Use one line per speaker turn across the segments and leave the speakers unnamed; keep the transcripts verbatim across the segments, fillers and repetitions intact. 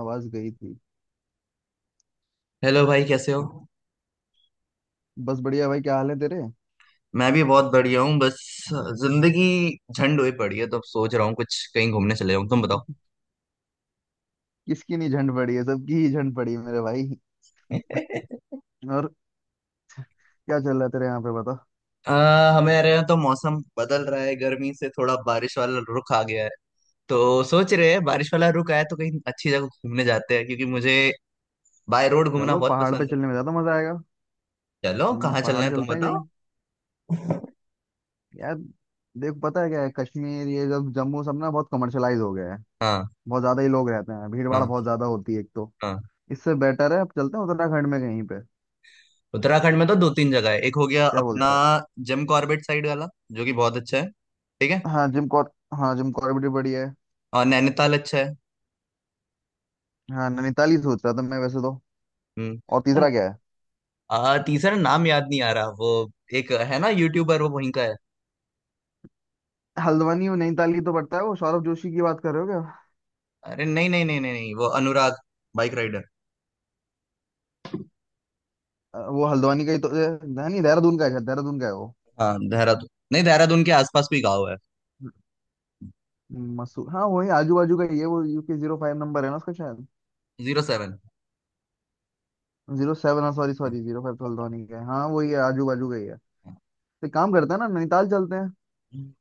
आवाज गई थी।
हेलो भाई कैसे हो।
बस बढ़िया भाई, क्या हाल है तेरे?
मैं भी बहुत बढ़िया हूँ। बस जिंदगी झंड हुई पड़ी है तो अब सोच रहा हूँ कुछ कहीं घूमने चले जाऊँ। तुम बताओ।
किसकी नहीं झंड पड़ी है, सबकी ही झंड पड़ी है मेरे भाई। और क्या चल रहा है तेरे यहाँ पे, बता।
आ, हमारे यहाँ तो मौसम बदल रहा है, गर्मी से थोड़ा बारिश वाला रुख आ गया है। तो सोच रहे हैं बारिश वाला रुख आया तो कहीं अच्छी जगह घूमने जाते हैं क्योंकि मुझे बाय रोड घूमना
चलो,
बहुत
पहाड़ पे
पसंद है।
चलने में ज्यादा मजा आएगा।
चलो
हम्म,
कहाँ चलना
पहाड़
है तुम
चलते हैं
बताओ।
कहीं यार। देख, पता है क्या है, कश्मीर ये जब जम्मू सब ना बहुत कमर्शलाइज हो गया है।
हाँ।
बहुत ज्यादा ही लोग रहते हैं, भीड़ भाड़
हाँ।
बहुत ज्यादा होती है एक तो।
हाँ।
इससे बेटर है अब चलते हैं उत्तराखंड में कहीं पे।
उत्तराखंड में तो दो तीन जगह है। एक हो गया
क्या
अपना
बोलता है?
जिम कॉर्बेट साइड वाला, जो कि बहुत अच्छा है। ठीक है।
हाँ जिम कॉर, हाँ जिम कॉर्बेट भी बढ़िया है।
और नैनीताल अच्छा है।
हाँ नैनीताल ही सोच रहा था मैं वैसे तो।
हम्म।
और तीसरा क्या है?
आ, तीसरा नाम याद नहीं आ रहा। वो एक है ना यूट्यूबर, वो वहीं का है।
हल्द्वानी और नैनीताल ही तो पड़ता है, वो सौरभ जोशी की बात कर रहे हो क्या?
अरे नहीं नहीं नहीं नहीं नहीं, वो अनुराग बाइक राइडर।
अ, वो हल्द्वानी का ही तो अ, नहीं, देहरादून का है शायद, देहरादून का है वो।
हाँ देहरादून, नहीं देहरादून के आसपास कोई गाँव है।
मसूर, हाँ वही आजू बाजू का ही है वो। यू के जीरो फाइव नंबर है ना उसका शायद।
Zero seven.
जीरो सेवन, हाँ सॉरी सॉरी, जीरो फाइव तो हल्द्वानी का है, हाँ वही है आजू बाजू का ही है। तो एक काम करते हैं ना, नैनीताल चलते हैं।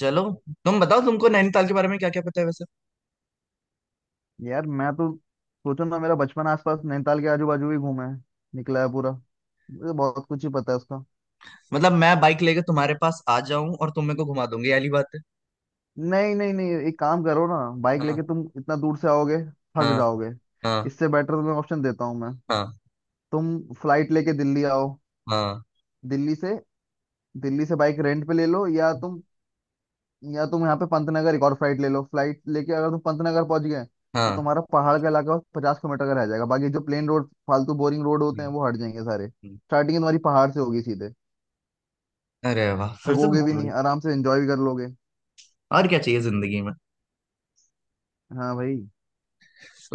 चलो। तुम बताओ तुमको नैनीताल के बारे में क्या क्या पता है वैसे।
यार मैं तो, सोचो ना, मेरा बचपन आसपास नैनीताल के आजू बाजू ही घूमा है, निकला है पूरा, मुझे तो बहुत कुछ ही पता है उसका।
मतलब मैं बाइक लेके तुम्हारे पास आ जाऊं और तुम मेरे को घुमा दोगे, ये वाली बात है।
नहीं नहीं नहीं, एक काम करो ना, बाइक लेके
हाँ।
तुम इतना दूर से आओगे, थक
हाँ।
जाओगे।
हाँ।
इससे बेटर तुम्हें ऑप्शन देता हूँ मैं।
हाँ।
तुम फ्लाइट लेके दिल्ली आओ।
हाँ।
दिल्ली से, दिल्ली से बाइक रेंट पे ले लो, या तुम, या तुम यहाँ पे पंतनगर एक और फ्लाइट ले लो। फ्लाइट लेके अगर तुम पंतनगर पहुंच गए तो
हाँ।
तुम्हारा पहाड़ का इलाका पचास किलोमीटर का रह जाएगा, बाकी जो प्लेन रोड फालतू बोरिंग रोड होते
हम्म,
हैं वो हट जाएंगे सारे,
हम्म।
स्टार्टिंग तुम्हारी पहाड़ से होगी सीधे।
अरे वाह! फिर से।
थकोगे भी नहीं, आराम से एंजॉय भी कर लोगे।
और क्या चाहिए जिंदगी में।
हाँ भाई।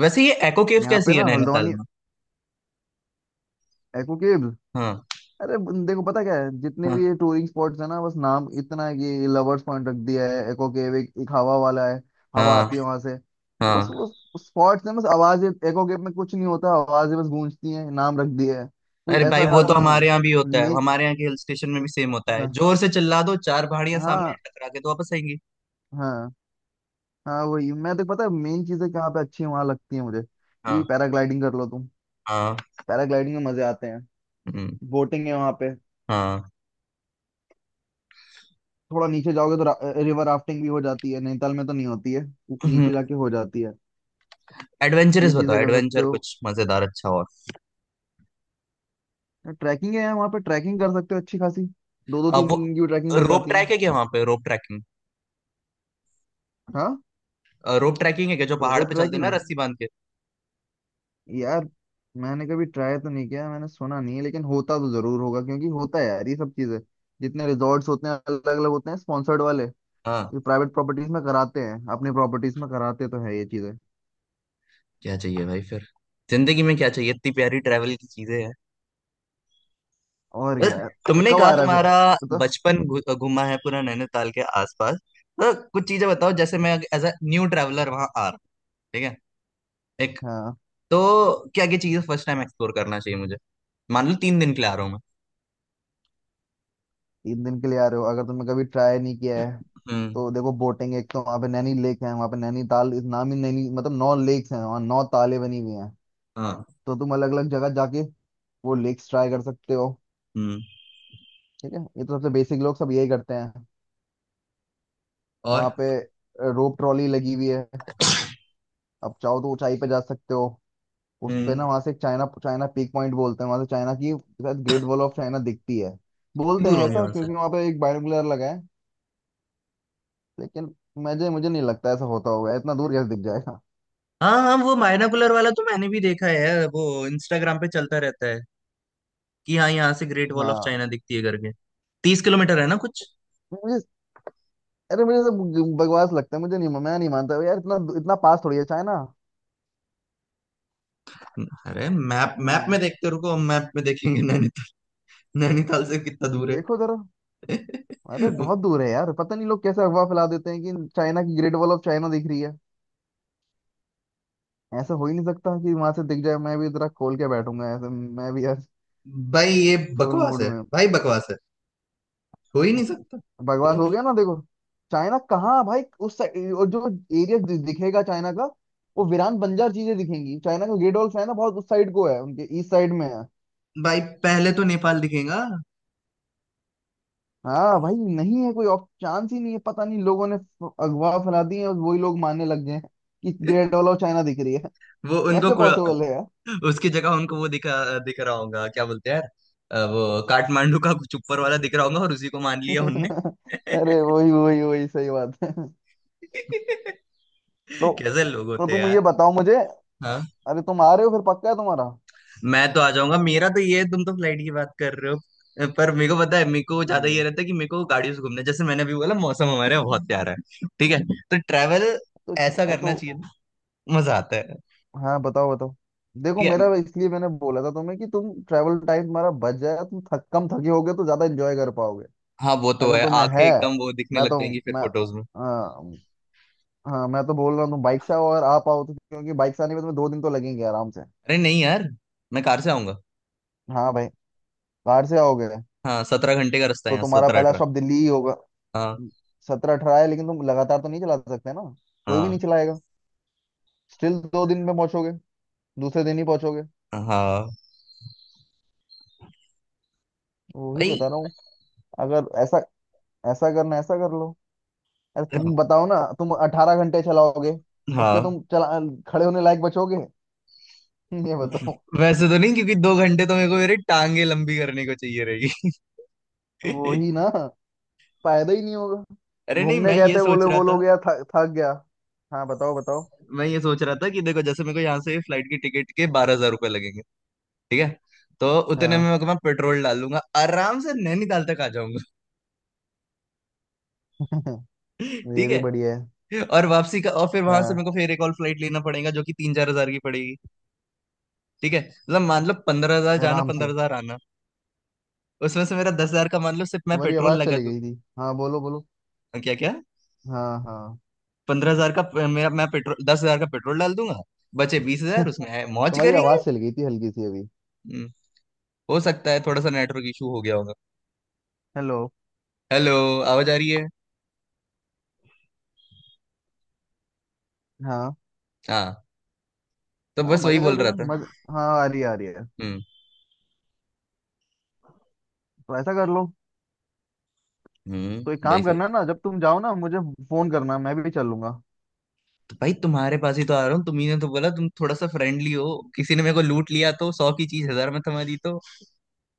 वैसे ये एको केव
यहाँ पे
कैसी है
ना
नैनीताल
हल्द्वानी,
में।
Aqua caves.
हाँ।
अरे बन- देखो, पता क्या है, जितने भी
हाँ।
ये टूरिंग स्पॉट्स है ना, बस नाम इतना है, कि लवर्स पॉइंट रख दिया है, एको केव, एक, एक हवा वाला है, हवा
हाँ।
आती है वहां से तो बस
हाँ।
वो स्पॉट्स है बस। आवाज एको केव में कुछ नहीं होता, आवाजें बस गूंजती हैं, नाम रख दिया है। कुछ
अरे भाई
ऐसा
वो ऐसा
खास
तो ऐसा।
नहीं है।
हमारे यहाँ भी होता है,
मेन,
हमारे यहाँ के हिल स्टेशन में भी सेम होता है,
हाँ
जोर से चिल्ला दो, चार पहाड़ियां सामने
हाँ
हैं, टकरा के तो वापस आएंगी।
हाँ, हाँ वही, मैं तो, पता है मेन चीजें कहाँ पे अच्छी वहां लगती है मुझे, कि
हाँ।
पैराग्लाइडिंग कर लो तुम,
हाँ।
पैराग्लाइडिंग में मजे आते हैं।
हम्म,
बोटिंग है वहां पे।
हाँ।
थोड़ा नीचे जाओगे तो रा, रिवर राफ्टिंग भी हो जाती है, नैनीताल में तो नहीं होती है, उ- नीचे जाके हो जाती है, ये
एडवेंचरस बताओ,
चीजें कर सकते
एडवेंचर
हो।
कुछ मजेदार अच्छा और।
ट्रैकिंग है वहाँ पे, ट्रैकिंग कर सकते हो अच्छी खासी, दो दो
अब
तीन
वो
दिन की भी ट्रैकिंग हो
रोप
जाती है।
ट्रैक है क्या वहां पे? Rope trekking?
हाँ।
रोप ट्रैकिंग है क्या? जो पहाड़
रोप
पे चलते हैं ना
ट्रैकिंग,
रस्सी बांध के।
यार मैंने कभी ट्राई तो नहीं किया, मैंने सुना नहीं है, लेकिन होता तो जरूर होगा, क्योंकि होता है यार ये सब चीजें। जितने रिजॉर्ट्स होते हैं अलग अलग होते हैं, स्पॉन्सर्ड वाले,
हाँ।
प्राइवेट प्रॉपर्टीज में कराते हैं, अपनी प्रॉपर्टीज में कराते तो है ये चीजें।
क्या चाहिए भाई फिर, जिंदगी में क्या चाहिए? इतनी प्यारी ट्रैवल की चीजें हैं।
और
बस।
क्या यार।
तुमने
कब
कहा
आ रहा है
तुम्हारा
फिर तो?
बचपन घु- घूमा है पूरा नैनीताल के आसपास। तो कुछ चीजें बताओ, जैसे मैं एज अ न्यू ट्रैवलर वहां आ रहा हूँ। एक
हाँ।
तो क्या क्या चीजें फर्स्ट टाइम एक्सप्लोर करना चाहिए मुझे? मान लो तीन दिन के लिए आ रहा हूँ मैं।
तीन दिन के लिए आ रहे हो, अगर तुमने कभी ट्राई नहीं किया है
हम्म।
तो देखो, बोटिंग एक तो वहाँ पे, नैनी लेक है वहाँ पे, नैनीताल इस नाम ही नैनी मतलब नौ लेक्स हैं वहाँ, नौ ताले बनी हुई हैं,
हाँ।
तो तुम अलग अलग जगह जाके वो लेक्स ट्राई कर सकते हो।
हम्म।
ठीक है, ये तो सबसे बेसिक लोग सब यही करते हैं वहाँ
और।
पे। रोप ट्रॉली लगी हुई है, अब चाहो तो ऊंचाई पे जा सकते हो उस पे
हम्म।
ना। वहाँ से चाइना, चाइना पीक पॉइंट बोलते हैं, वहाँ से चाइना की शायद ग्रेट वॉल ऑफ चाइना दिखती है
कितनी
बोलते
दूर
हैं
होंगी
ऐसा,
वहां से?
क्योंकि वहाँ पे एक बायोनिकुलर लगा है। लेकिन मुझे मुझे नहीं लगता ऐसा होता होगा, इतना दूर कैसे दिख जाएगा।
हाँ हाँ, वो मायनाकुलर वाला तो मैंने भी देखा है यार, वो इंस्टाग्राम पे चलता रहता है कि हाँ यहाँ से ग्रेट वॉल ऑफ
हाँ।
चाइना दिखती है करके। तीस किलोमीटर है ना कुछ।
मुझे, अरे मुझे सब बकवास लगता है, मुझे नहीं, मैं नहीं मानता यार, इतना इतना पास थोड़ी है चाइना।
अरे मैप मैप
हम्म।
में देखते रुको, हम मैप में देखेंगे नैनीताल। नैनीताल से कितना दूर
देखो जरा।
है।
अरे बहुत दूर है यार, पता नहीं लोग कैसे अफवाह फैला देते हैं कि चाइना की ग्रेट वॉल ऑफ चाइना दिख रही है। ऐसा हो ही नहीं सकता कि वहां से दिख जाए, मैं भी जरा खोल के बैठूंगा ऐसे, मैं भी यार
भाई ये
फुल
बकवास
मूड
है,
में हूँ।
भाई बकवास है, हो ही नहीं सकता।
बकवास
हो-
हो गया ना देखो। चाइना कहाँ भाई, उस साइड, और जो एरिया दिखेगा चाइना का वो वीरान बंजर चीजें दिखेंगी, चाइना का ग्रेट वॉल ऑफ चाइना बहुत उस साइड को है, उनके ईस्ट साइड में है।
भाई पहले तो नेपाल दिखेगा।
हाँ भाई, नहीं है, कोई ऑफ चांस ही नहीं है, पता नहीं लोगों ने फ- अगवा फैला दी है और वही लोग मानने लग गए हैं कि ग्रेट वॉल ऑफ चाइना दिख रही है।
वो उनको
कैसे
कु-
पॉसिबल है यार।
उसकी जगह उनको वो दिखा दिख रहा होगा। क्या बोलते हैं यार, अ, वो काठमांडू का कुछ ऊपर वाला दिख रहा होगा और उसी को मान लिया उनने।
अरे वही वही वही, सही बात है। तो
कैसे लोग
तो
होते हैं
तुम ये
यार।
बताओ मुझे, अ-
हाँ,
अरे तुम आ रहे हो फिर, पक्का है तुम्हारा?
मैं तो आ जाऊंगा, मेरा तो ये है, तुम तो फ्लाइट की बात कर रहे हो पर मेरे को पता है, मेरे को ज्यादा ये
हम्म,
रहता है कि मेरे को गाड़ियों से घूमना, जैसे मैंने अभी बोला मौसम हमारे यहाँ बहुत प्यारा है, ठीक है। तो ट्रैवल
तो
ऐसा
तो
करना चाहिए ना, मजा आता है।
हाँ बताओ बताओ। देखो
ठीक है।
मेरा, इसलिए मैंने बोला था तुम्हें कि तुम ट्रैवल टाइम तुम्हारा बच जाए, तुम थक, कम थके होगे तो ज्यादा एंजॉय कर पाओगे।
हाँ वो तो
अगर
है,
तुम्हें
आंखें
है,
एकदम वो दिखने
मैं
लग
तो,
जाएंगी फिर
मैं,
फोटोज में।
हाँ मैं तो बोल रहा हूँ तुम बाइक से आओ और आप आओ तो, क्योंकि बाइक से आने में तुम्हें दो दिन तो लगेंगे आराम से।
अरे नहीं यार, मैं कार से आऊंगा।
हाँ भाई। कार से आओगे
हाँ, सत्रह घंटे का रास्ता है
तो
यहाँ,
तुम्हारा
सत्रह
पहला
अठारह
स्टॉप दिल्ली ही होगा।
हाँ।
सत्रह अठारह है, लेकिन तुम लगातार तो नहीं चला सकते ना, कोई भी
हाँ।
नहीं चलाएगा। स्टिल दो दिन में पहुंचोगे, दूसरे दिन ही पहुंचोगे,
हाँ
वही
भाई।
बता रहा हूँ। अगर ऐसा, ऐसा करना, ऐसा कर लो। अरे तुम बताओ ना, तुम अठारह घंटे चलाओगे उसके,
हाँ।
तुम चला, खड़े होने लायक बचोगे? ये बताओ।
वैसे तो नहीं, क्योंकि दो घंटे तो मेरे को मेरी टांगे लंबी करने को चाहिए रहेगी।
वही ना, फायदा ही नहीं होगा।
अरे नहीं,
घूमने
मैं
गए
ये
थे, बोले
सोच रहा
वो
था।
लोग यार थक थक गया। हाँ बताओ बताओ।
मैं ये सोच रहा था कि देखो, जैसे मेरे को यहाँ से फ्लाइट की टिकट के बारह हजार रुपये लगेंगे। ठीक है। तो उतने में
हाँ।
मेरे को, मैं पेट्रोल डालूंगा आराम से नैनीताल तक आ जाऊंगा।
ये
ठीक
भी
है।
बढ़िया है।
और वापसी का, और फिर वहां से
हाँ
मेरे को फिर एक और फ्लाइट लेना पड़ेगा जो कि तीन चार हजार की पड़ेगी। ठीक है, मतलब मान लो पंद्रह हजार जाना,
आराम
पंद्रह
से।
हजार आना, उसमें से मेरा दस हजार का मान लो सिर्फ मैं
तुम्हारी
पेट्रोल
आवाज
लगा
चली
दूं।
गई थी, हाँ बोलो बोलो।
क्या? क्या?
हाँ हाँ।
पंद्रह हजार का प- मेरा, मैं पेट्रोल, दस हजार का पेट्रोल डाल दूंगा। बचे बीस हजार, उसमें है मौज
तुम्हारी
करेंगे।
आवाज चली गई थी हल्की सी अभी।
हम्म, हो सकता है थोड़ा सा नेटवर्क इशू हो गया होगा।
हेलो।
हेलो। आवाज आ रही है।
हाँ।
हाँ। तो
हाँ
बस वही
मजे हो
बोल रहा
जाएंगे
था।
मजे। हाँ, आ रही है आ रही है।
हम्म।
तो ऐसा कर लो। तो एक
हम्म भाई,
काम
सही।
करना ना, जब तुम जाओ ना मुझे फोन करना, मैं भी चलूंगा।
तो भाई तुम्हारे पास ही तो आ रहा हूँ, तुम्ही ने तो बोला तुम थोड़ा सा फ्रेंडली हो। किसी ने मेरे को लूट लिया तो सौ की चीज हजार में थमा दी तो।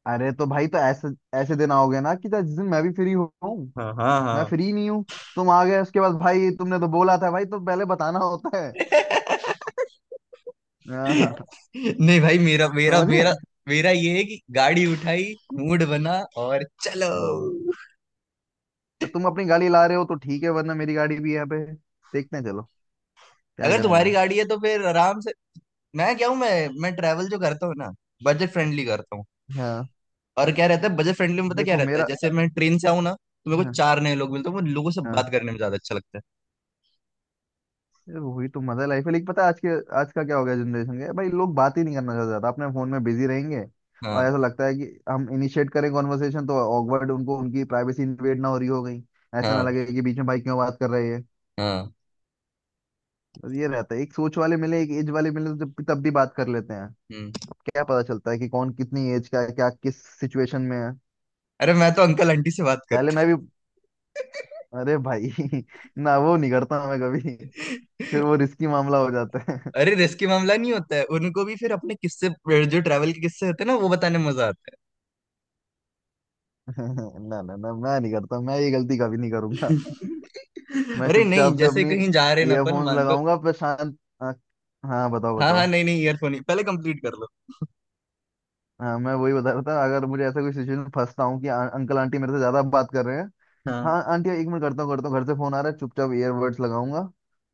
अरे तो भाई, तो ऐसे, ऐसे दिन आओगे ना कि जिस दिन मैं भी फ्री हूँ,
हाँ। हाँ।
मैं
हाँ।
फ्री नहीं हूँ तुम आ गए उसके बाद। भाई तुमने तो बोला था भाई, तो पहले बताना होता है। हाँ,
नहीं भाई, मेरा मेरा
समझे।
मेरा मेरा ये है कि गाड़ी उठाई, मूड बना, और चलो।
हम्म। तो तुम अपनी गाड़ी ला रहे हो तो ठीक है, वरना मेरी गाड़ी भी यहाँ पे, देखते हैं चलो, क्या
अगर
करना
तुम्हारी
है।
गाड़ी है तो फिर आराम से। मैं क्या हूँ, मैं मैं ट्रैवल जो करता हूँ ना, बजट फ्रेंडली करता हूँ।
हाँ।
और क्या रहता है बजट फ्रेंडली में पता क्या
देखो
रहता है,
मेरा,
जैसे मैं ट्रेन से आऊँ ना तो मेरे को
हाँ
चार नए लोग मिलते हैं, मुझे लोगों से
हाँ,
बात करने में ज्यादा अच्छा लगता है।
ये वही तो मजा लाइफ है, लेकिन पता है आज के, आज का क्या हो गया जनरेशन का, भाई लोग बात ही नहीं करना चाहते ज्यादा, अपने फोन में बिजी रहेंगे। और
हाँ।
ऐसा लगता है कि हम इनिशिएट करें कॉन्वर्सेशन तो ऑकवर्ड उनको, उनकी प्राइवेसी इन्वेड ना हो रही हो गई, ऐसा ना
हाँ।
लगे कि बीच में भाई क्यों बात कर रहे हैं।
हाँ।
बस ये रहता है, एक सोच वाले मिले, एक एज वाले मिले तो जब तब भी बात कर लेते हैं।
हम्म।
अब क्या पता चलता है कि कौन कितनी एज का है, क्या किस सिचुएशन में है।
अरे मैं तो अंकल आंटी से बात
पहले
करता
मैं भी, अरे भाई ना वो नहीं करता मैं कभी, फिर
हूँ।
वो रिस्की मामला हो जाता है।
अरे रिस्की मामला नहीं होता है, उनको भी फिर अपने किस्से, जो ट्रैवल के किस्से होते हैं ना, वो बताने में मजा आता है।
ना ना ना, मैं नहीं करता, मैं ये गलती कभी नहीं करूंगा। मैं
अरे नहीं,
चुपचाप से
जैसे
अपनी
कहीं जा रहे ना अपन,
ईयरफोन्स
मान लो।
लगाऊंगा, पर शांत। आ, हाँ बताओ
हाँ हाँ,
बताओ।
नहीं नहीं, ईयरफोन ही पहले कंप्लीट कर लो।
हाँ मैं वही बता रहा था, अगर मुझे ऐसा कोई सिचुएशन में फंसता हूँ कि अं- अंकल आंटी मेरे से ज्यादा बात कर रहे हैं,
हाँ।
हाँ आंटी एक मिनट, करता हूँ करता हूँ, घर से फोन आ रहा है, चुपचाप ईयरबड्स लगाऊंगा,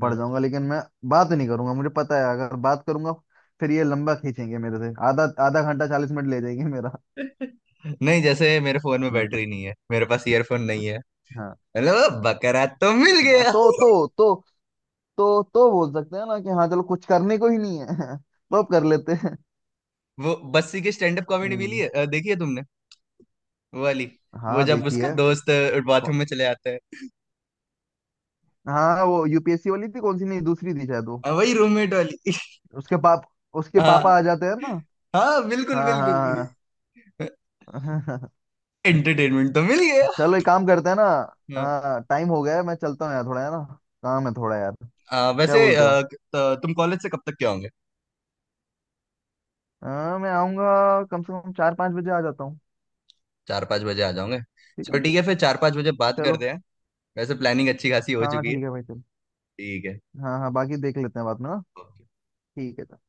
पड़
हाँ।
जाऊंगा लेकिन मैं बात नहीं करूंगा। मुझे पता है अगर बात करूंगा, फिर ये लंबा खींचेंगे, मेरे से आधा आधा घंटा चालीस मिनट ले जाएंगे मेरा।
नहीं, जैसे मेरे फोन में
हम्म।
बैटरी नहीं है, मेरे पास ईयरफोन नहीं है।
हाँ।
हेलो। बकरा तो मिल
हाँ,
गया।
तो तो तो तो तो बोल सकते हैं ना कि हाँ चलो, कुछ करने को ही नहीं है। तो अब कर लेते हैं।
वो बस्सी की स्टैंड अप कॉमेडी मिली
हम्म।
है, अ, देखी है तुमने? वो वाली। वो
हाँ,
जब
देखिए।
उसका दोस्त
कौ-
बाथरूम में चले जाता है।
हाँ वो यूपीएससी वाली थी, कौन सी, नहीं दूसरी थी शायद वो।
अ, वही रूममेट वाली।
उसके पाप, उसके
हाँ,
पापा आ जाते हैं ना,
हाँ, बिल्कुल
हाँ
बिल्कुल।
हाँ हाँ।
एंटरटेनमेंट तो मिल गया।
चलो एक काम करते हैं ना।
हाँ,
हाँ, टाइम हो गया है, मैं चलता हूँ यार, थोड़ा है ना काम है थोड़ा यार।
अ,
क्या
वैसे
बोलते
अ,
हो?
त- तुम कॉलेज से कब तक के?
हाँ मैं आऊँगा कम से कम चार पाँच बजे आ जाता हूँ।
चार पाँच बजे आ जाऊंगे।
ठीक
चलो
है,
ठीक है, फिर चार पाँच बजे बात
चलो।
करते हैं। वैसे प्लानिंग अच्छी खासी हो
हाँ हाँ
चुकी है।
ठीक है भाई चलो।
ठीक है।
हाँ हाँ बाकी देख लेते हैं बाद में ना।
ओके।
ठीक है।